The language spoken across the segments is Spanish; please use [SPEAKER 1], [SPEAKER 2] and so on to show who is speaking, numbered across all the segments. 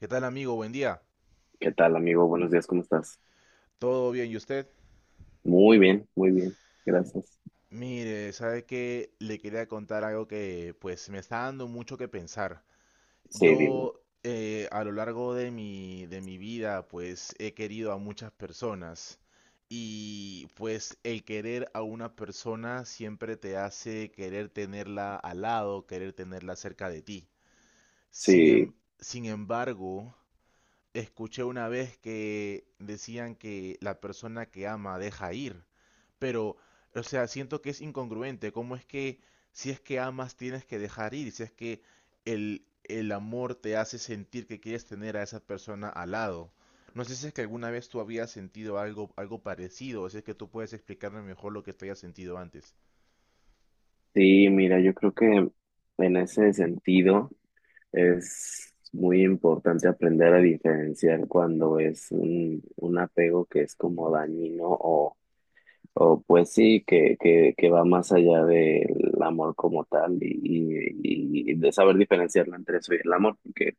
[SPEAKER 1] ¿Qué tal, amigo? Buen día.
[SPEAKER 2] ¿Qué tal, amigo? Buenos días, ¿cómo estás?
[SPEAKER 1] ¿Todo bien? ¿Y usted?
[SPEAKER 2] Muy bien, gracias.
[SPEAKER 1] Mire, sabe que le quería contar algo que pues me está dando mucho que pensar.
[SPEAKER 2] Sí, dime.
[SPEAKER 1] Yo a lo largo de mi vida pues he querido a muchas personas y pues el querer a una persona siempre te hace querer tenerla al lado, querer tenerla cerca de ti. Sin
[SPEAKER 2] Sí,
[SPEAKER 1] em- sin embargo, escuché una vez que decían que la persona que ama deja ir, pero, o sea, siento que es incongruente. ¿Cómo es que si es que amas tienes que dejar ir? Si es que el amor te hace sentir que quieres tener a esa persona al lado. No sé si es que alguna vez tú habías sentido algo parecido, o si es que tú puedes explicarme mejor lo que tú hayas sentido antes.
[SPEAKER 2] sí, mira, yo creo que en ese sentido es muy importante aprender a diferenciar cuando es un apego que es como dañino o pues sí, que va más allá del amor como tal y de saber diferenciarlo entre eso y el amor, porque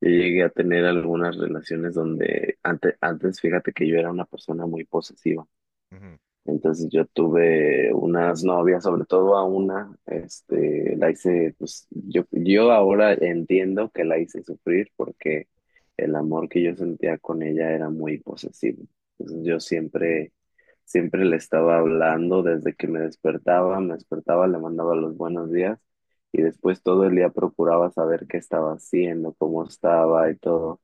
[SPEAKER 2] yo llegué a tener algunas relaciones donde antes, fíjate que yo era una persona muy posesiva.
[SPEAKER 1] Ujú.
[SPEAKER 2] Entonces yo tuve unas novias, sobre todo a una, este, la hice, yo ahora entiendo que la hice sufrir porque el amor que yo sentía con ella era muy posesivo. Entonces yo siempre, siempre le estaba hablando desde que me despertaba, le mandaba los buenos días, y después todo el día procuraba saber qué estaba haciendo, cómo estaba y todo,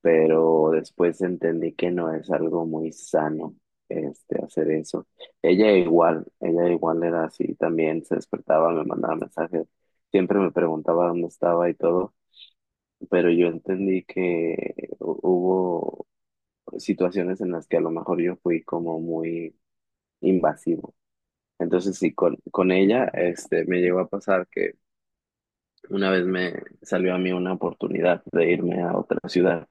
[SPEAKER 2] pero después entendí que no es algo muy sano este hacer eso. Ella igual era así también, se despertaba, me mandaba mensajes, siempre me preguntaba dónde estaba y todo, pero yo entendí que hubo situaciones en las que a lo mejor yo fui como muy invasivo. Entonces sí, con ella este me llegó a pasar que una vez me salió a mí una oportunidad de irme a otra ciudad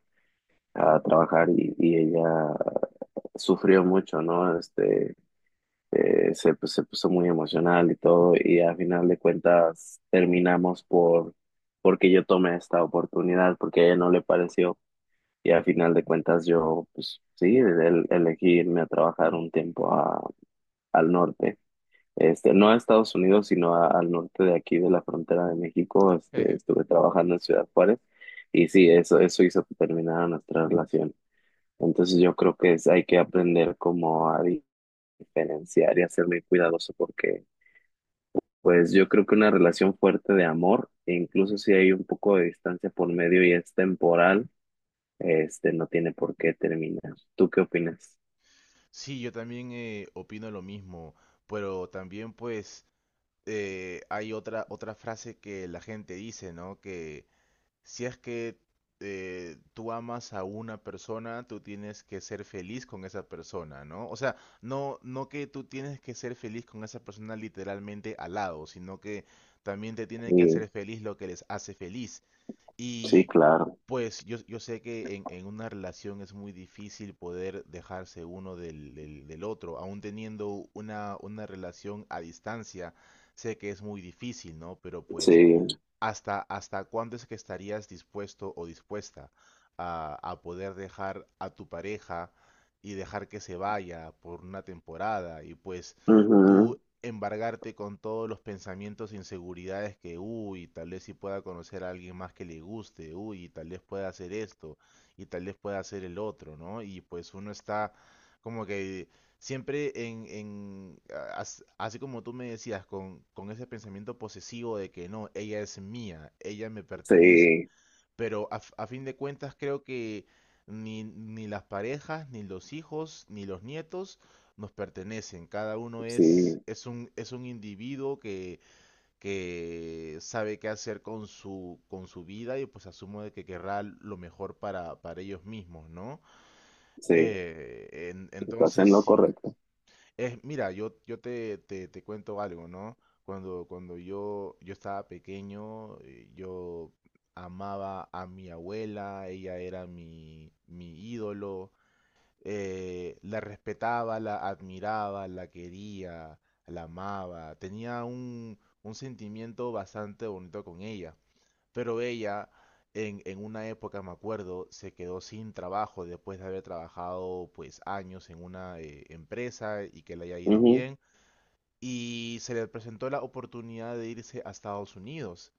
[SPEAKER 2] a trabajar, y ella sufrió mucho, ¿no? Pues, se puso muy emocional y todo, y a final de cuentas terminamos porque yo tomé esta oportunidad, porque a ella no le pareció, y a final de cuentas yo, pues sí, elegí irme a trabajar un tiempo al norte. Este, no a Estados Unidos, sino al norte de aquí, de la frontera de México. Este, estuve trabajando en Ciudad Juárez, y sí, eso hizo que terminara nuestra relación. Entonces yo creo que es, hay que aprender como a diferenciar y hacer muy cuidadoso, porque pues yo creo que una relación fuerte de amor, e incluso si hay un poco de distancia por medio y es temporal, este no tiene por qué terminar. ¿Tú qué opinas?
[SPEAKER 1] Sí, yo también opino lo mismo, pero también pues hay otra frase que la gente dice, ¿no? Que si es que tú amas a una persona, tú tienes que ser feliz con esa persona, ¿no? O sea, no que tú tienes que ser feliz con esa persona literalmente al lado, sino que también te tiene que
[SPEAKER 2] Sí,
[SPEAKER 1] hacer feliz lo que les hace feliz.
[SPEAKER 2] sí,
[SPEAKER 1] Y
[SPEAKER 2] claro,
[SPEAKER 1] pues yo sé que en una relación es muy difícil poder dejarse uno del otro, aún teniendo una relación a distancia, sé que es muy difícil, ¿no? Pero pues
[SPEAKER 2] sí,
[SPEAKER 1] ¿hasta, hasta cuándo es que estarías dispuesto o dispuesta a poder dejar a tu pareja y dejar que se vaya por una temporada y pues tú
[SPEAKER 2] ujú.
[SPEAKER 1] embargarte con todos los pensamientos e inseguridades que, uy, tal vez si pueda conocer a alguien más que le guste, uy, tal vez pueda hacer esto y tal vez pueda hacer el otro, ¿no? Y pues uno está como que siempre así como tú me decías, con ese pensamiento posesivo de que no, ella es mía, ella me pertenece.
[SPEAKER 2] Sí,
[SPEAKER 1] Pero a fin de cuentas creo que ni las parejas, ni los hijos, ni los nietos nos pertenecen. Cada uno
[SPEAKER 2] sí,
[SPEAKER 1] es un individuo que sabe qué hacer con su vida y pues asumo de que querrá lo mejor para ellos mismos, ¿no?
[SPEAKER 2] sí, estás
[SPEAKER 1] Entonces
[SPEAKER 2] en lo
[SPEAKER 1] sí.
[SPEAKER 2] correcto.
[SPEAKER 1] Es, mira, te cuento algo, ¿no? Yo estaba pequeño, yo amaba a mi abuela, ella era mi ídolo, la respetaba, la admiraba, la quería, la amaba, tenía un sentimiento bastante bonito con ella. Pero ella, en una época, me acuerdo, se quedó sin trabajo después de haber trabajado pues años en una empresa y que le haya ido
[SPEAKER 2] Ujú.
[SPEAKER 1] bien. Y se le presentó la oportunidad de irse a Estados Unidos.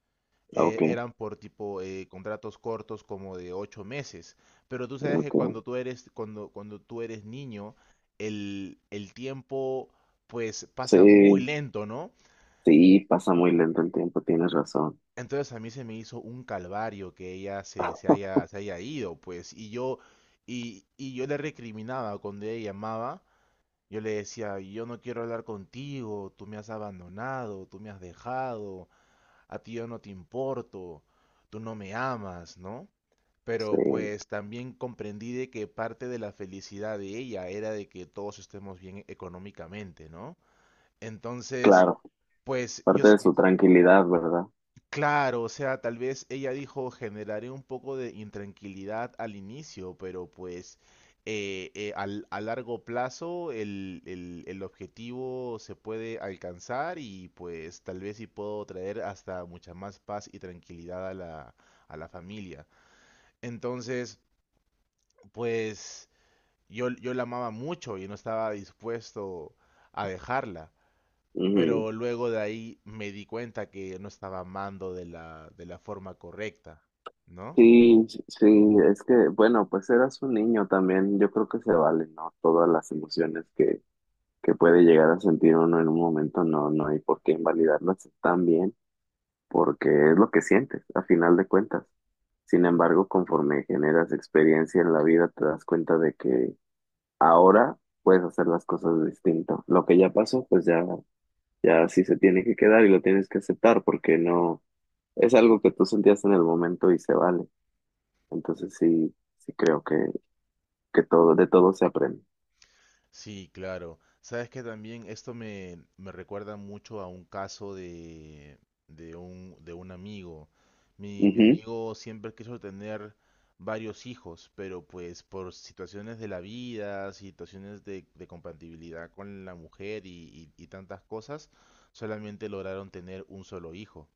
[SPEAKER 2] Ok,
[SPEAKER 1] Eran por tipo contratos cortos como de ocho meses. Pero tú sabes que
[SPEAKER 2] ok,
[SPEAKER 1] cuando tú eres niño, el tiempo pues pasa muy
[SPEAKER 2] sí,
[SPEAKER 1] lento, ¿no?
[SPEAKER 2] sí, pasa muy lento el tiempo, tienes razón,
[SPEAKER 1] Entonces a mí se me hizo un calvario que ella se haya ido, pues, y yo le recriminaba cuando ella llamaba, yo le decía, yo no quiero hablar contigo, tú me has abandonado, tú me has dejado, a ti yo no te importo, tú no me amas, ¿no?
[SPEAKER 2] sí,
[SPEAKER 1] Pero pues también comprendí de que parte de la felicidad de ella era de que todos estemos bien económicamente, ¿no? Entonces,
[SPEAKER 2] claro,
[SPEAKER 1] pues yo,
[SPEAKER 2] parte de su tranquilidad, ¿verdad?
[SPEAKER 1] claro, o sea, tal vez ella dijo, generaré un poco de intranquilidad al inicio, pero pues a largo plazo el objetivo se puede alcanzar y pues tal vez sí puedo traer hasta mucha más paz y tranquilidad a la familia. Entonces, pues yo la amaba mucho y no estaba dispuesto a dejarla.
[SPEAKER 2] Ujú.
[SPEAKER 1] Pero luego de ahí me di cuenta que no estaba amando de la forma correcta, ¿no?
[SPEAKER 2] Sí, sí, sí, es que, bueno, pues eras un niño también, yo creo que se vale, ¿no? Todas las emociones que puede llegar a sentir uno en un momento, no, no hay por qué invalidarlas también, porque es lo que sientes, a final de cuentas. Sin embargo, conforme generas experiencia en la vida, te das cuenta de que ahora puedes hacer las cosas distinto. Lo que ya pasó, pues ya, ya sí se tiene que quedar y lo tienes que aceptar, porque no, es algo que tú sentías en el momento y se vale. Entonces sí. Sí, creo que todo, de todo se aprende.
[SPEAKER 1] Sí, claro. Sabes que también esto me recuerda mucho a un caso de un amigo. Mi
[SPEAKER 2] Ujú.
[SPEAKER 1] amigo siempre quiso tener varios hijos, pero pues por situaciones de la vida, situaciones de compatibilidad con la mujer y tantas cosas, solamente lograron tener un solo hijo.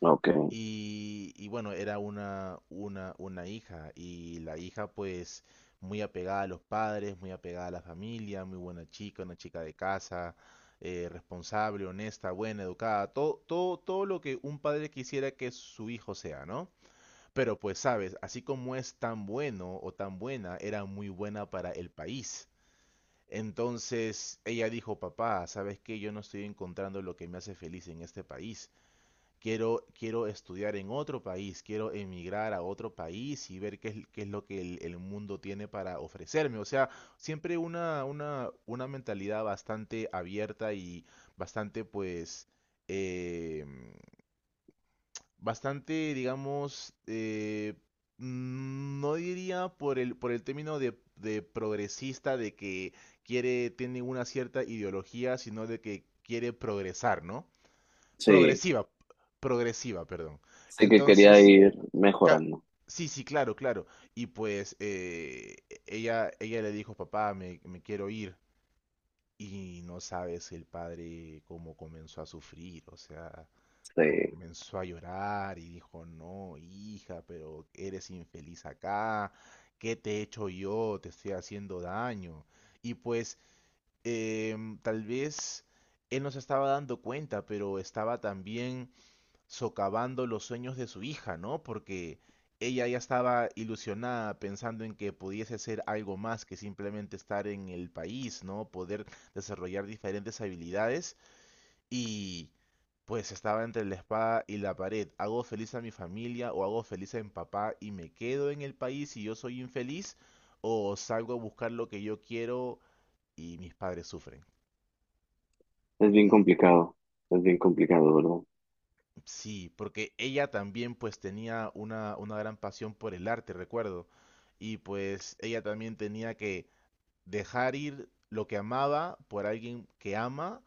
[SPEAKER 2] Ok,
[SPEAKER 1] Y bueno, era una hija y la hija pues muy apegada a los padres, muy apegada a la familia, muy buena chica, una chica de casa, responsable, honesta, buena, educada, todo, todo, todo lo que un padre quisiera que su hijo sea, ¿no? Pero pues sabes, así como es tan bueno o tan buena, era muy buena para el país. Entonces ella dijo, papá, ¿sabes qué? Yo no estoy encontrando lo que me hace feliz en este país, quiero estudiar en otro país, quiero emigrar a otro país y ver qué es lo que el mundo tiene para ofrecerme. O sea, siempre una mentalidad bastante abierta y bastante, pues, eh, bastante, digamos, no diría por el término de progresista, de que quiere, tiene una cierta ideología, sino de que quiere progresar, ¿no?
[SPEAKER 2] sí,
[SPEAKER 1] Progresiva, Progresiva, perdón.
[SPEAKER 2] sí que quería
[SPEAKER 1] Entonces,
[SPEAKER 2] ir
[SPEAKER 1] ca-
[SPEAKER 2] mejorando.
[SPEAKER 1] sí, sí, claro, claro. Y pues ella, ella le dijo, papá, me quiero ir. Y no sabes el padre cómo comenzó a sufrir, o sea,
[SPEAKER 2] Sí,
[SPEAKER 1] comenzó a llorar y dijo, no, hija, pero eres infeliz acá, ¿qué te he hecho yo? Te estoy haciendo daño. Y pues tal vez él no se estaba dando cuenta, pero estaba también socavando los sueños de su hija, ¿no? Porque ella ya estaba ilusionada pensando en que pudiese ser algo más que simplemente estar en el país, ¿no? Poder desarrollar diferentes habilidades y pues estaba entre la espada y la pared. ¿Hago feliz a mi familia o hago feliz a mi papá y me quedo en el país y yo soy infeliz? ¿O salgo a buscar lo que yo quiero y mis padres sufren?
[SPEAKER 2] es bien complicado, es bien complicado, ¿verdad?
[SPEAKER 1] Sí, porque ella también pues tenía una gran pasión por el arte, recuerdo. Y pues ella también tenía que dejar ir lo que amaba por alguien que ama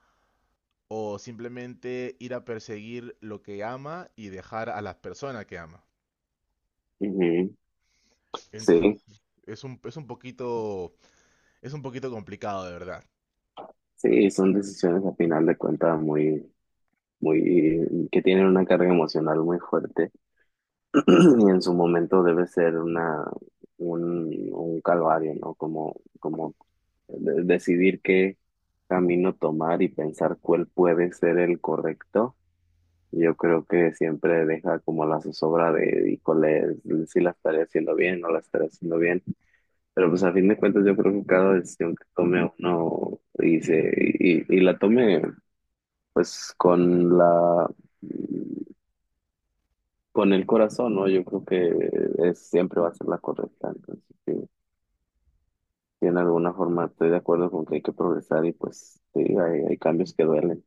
[SPEAKER 1] o simplemente ir a perseguir lo que ama y dejar a las personas que ama.
[SPEAKER 2] Ujú. Sí,
[SPEAKER 1] Entonces, es un, es un poquito, es un poquito complicado, de verdad.
[SPEAKER 2] sí, son decisiones a final de cuentas muy, muy, que tienen una carga emocional muy fuerte y en su momento debe ser un calvario, ¿no? Como, como decidir qué camino tomar y pensar cuál puede ser el correcto. Yo creo que siempre deja como la zozobra de, híjole, si la estaré haciendo bien o la estaré haciendo bien. Pero pues a fin de cuentas yo creo que cada decisión que tome uno y la tome pues con el corazón, ¿no? Yo creo que es, siempre va a ser la correcta. Entonces, sí, sí, en alguna forma estoy de acuerdo con que hay que progresar y pues sí, hay cambios que duelen.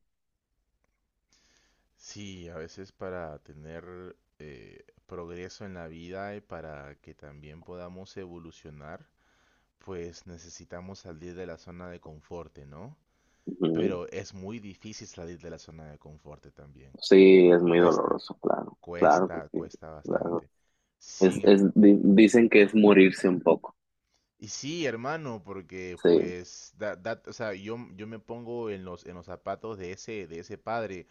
[SPEAKER 1] Sí, a veces para tener progreso en la vida y para que también podamos evolucionar, pues necesitamos salir de la zona de confort, ¿no?
[SPEAKER 2] Ujú.
[SPEAKER 1] Pero es muy difícil salir de la zona de confort también.
[SPEAKER 2] Sí, es muy
[SPEAKER 1] Cuesta,
[SPEAKER 2] doloroso, claro, claro que
[SPEAKER 1] cuesta,
[SPEAKER 2] sí.
[SPEAKER 1] cuesta
[SPEAKER 2] Claro.
[SPEAKER 1] bastante. Sin, em-
[SPEAKER 2] Dicen que es morirse un poco.
[SPEAKER 1] Y sí, hermano, porque
[SPEAKER 2] Sí,
[SPEAKER 1] pues o sea, yo me pongo en los zapatos de ese padre,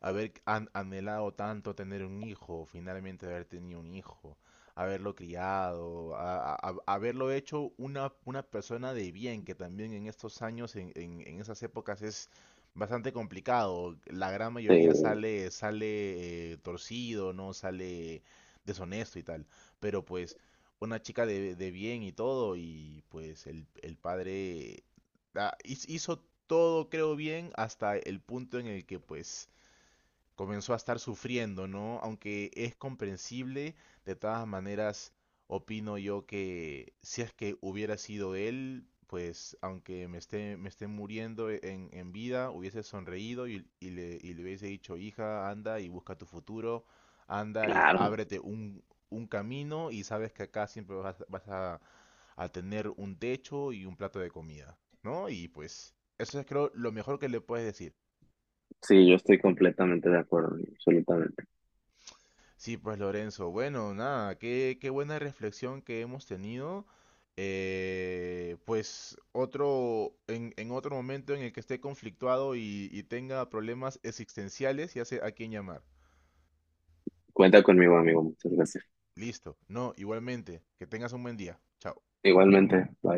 [SPEAKER 1] haber anhelado tanto tener un hijo, finalmente haber tenido un hijo, haberlo criado, haberlo hecho una persona de bien, que también en estos años, en esas épocas es bastante complicado. La gran mayoría
[SPEAKER 2] sí,
[SPEAKER 1] sale, sale torcido, ¿no? Sale deshonesto y tal. Pero pues una chica de bien y todo, y pues el padre hizo todo, creo bien, hasta el punto en el que pues comenzó a estar sufriendo, ¿no? Aunque es comprensible, de todas maneras, opino yo que si es que hubiera sido él, pues aunque me esté muriendo en vida, hubiese sonreído y, y le hubiese dicho, hija, anda y busca tu futuro, anda y
[SPEAKER 2] claro.
[SPEAKER 1] ábrete un camino y sabes que acá siempre a tener un techo y un plato de comida, ¿no? Y pues eso es creo lo mejor que le puedes decir.
[SPEAKER 2] Sí, yo estoy completamente de acuerdo, absolutamente.
[SPEAKER 1] Sí, pues Lorenzo, bueno, nada, qué buena reflexión que hemos tenido. En otro momento en el que esté conflictuado y tenga problemas existenciales, ya sé a quién llamar.
[SPEAKER 2] Cuenta conmigo, amigo. Muchas gracias.
[SPEAKER 1] Listo. No, igualmente, que tengas un buen día. Chao.
[SPEAKER 2] Igualmente, bye.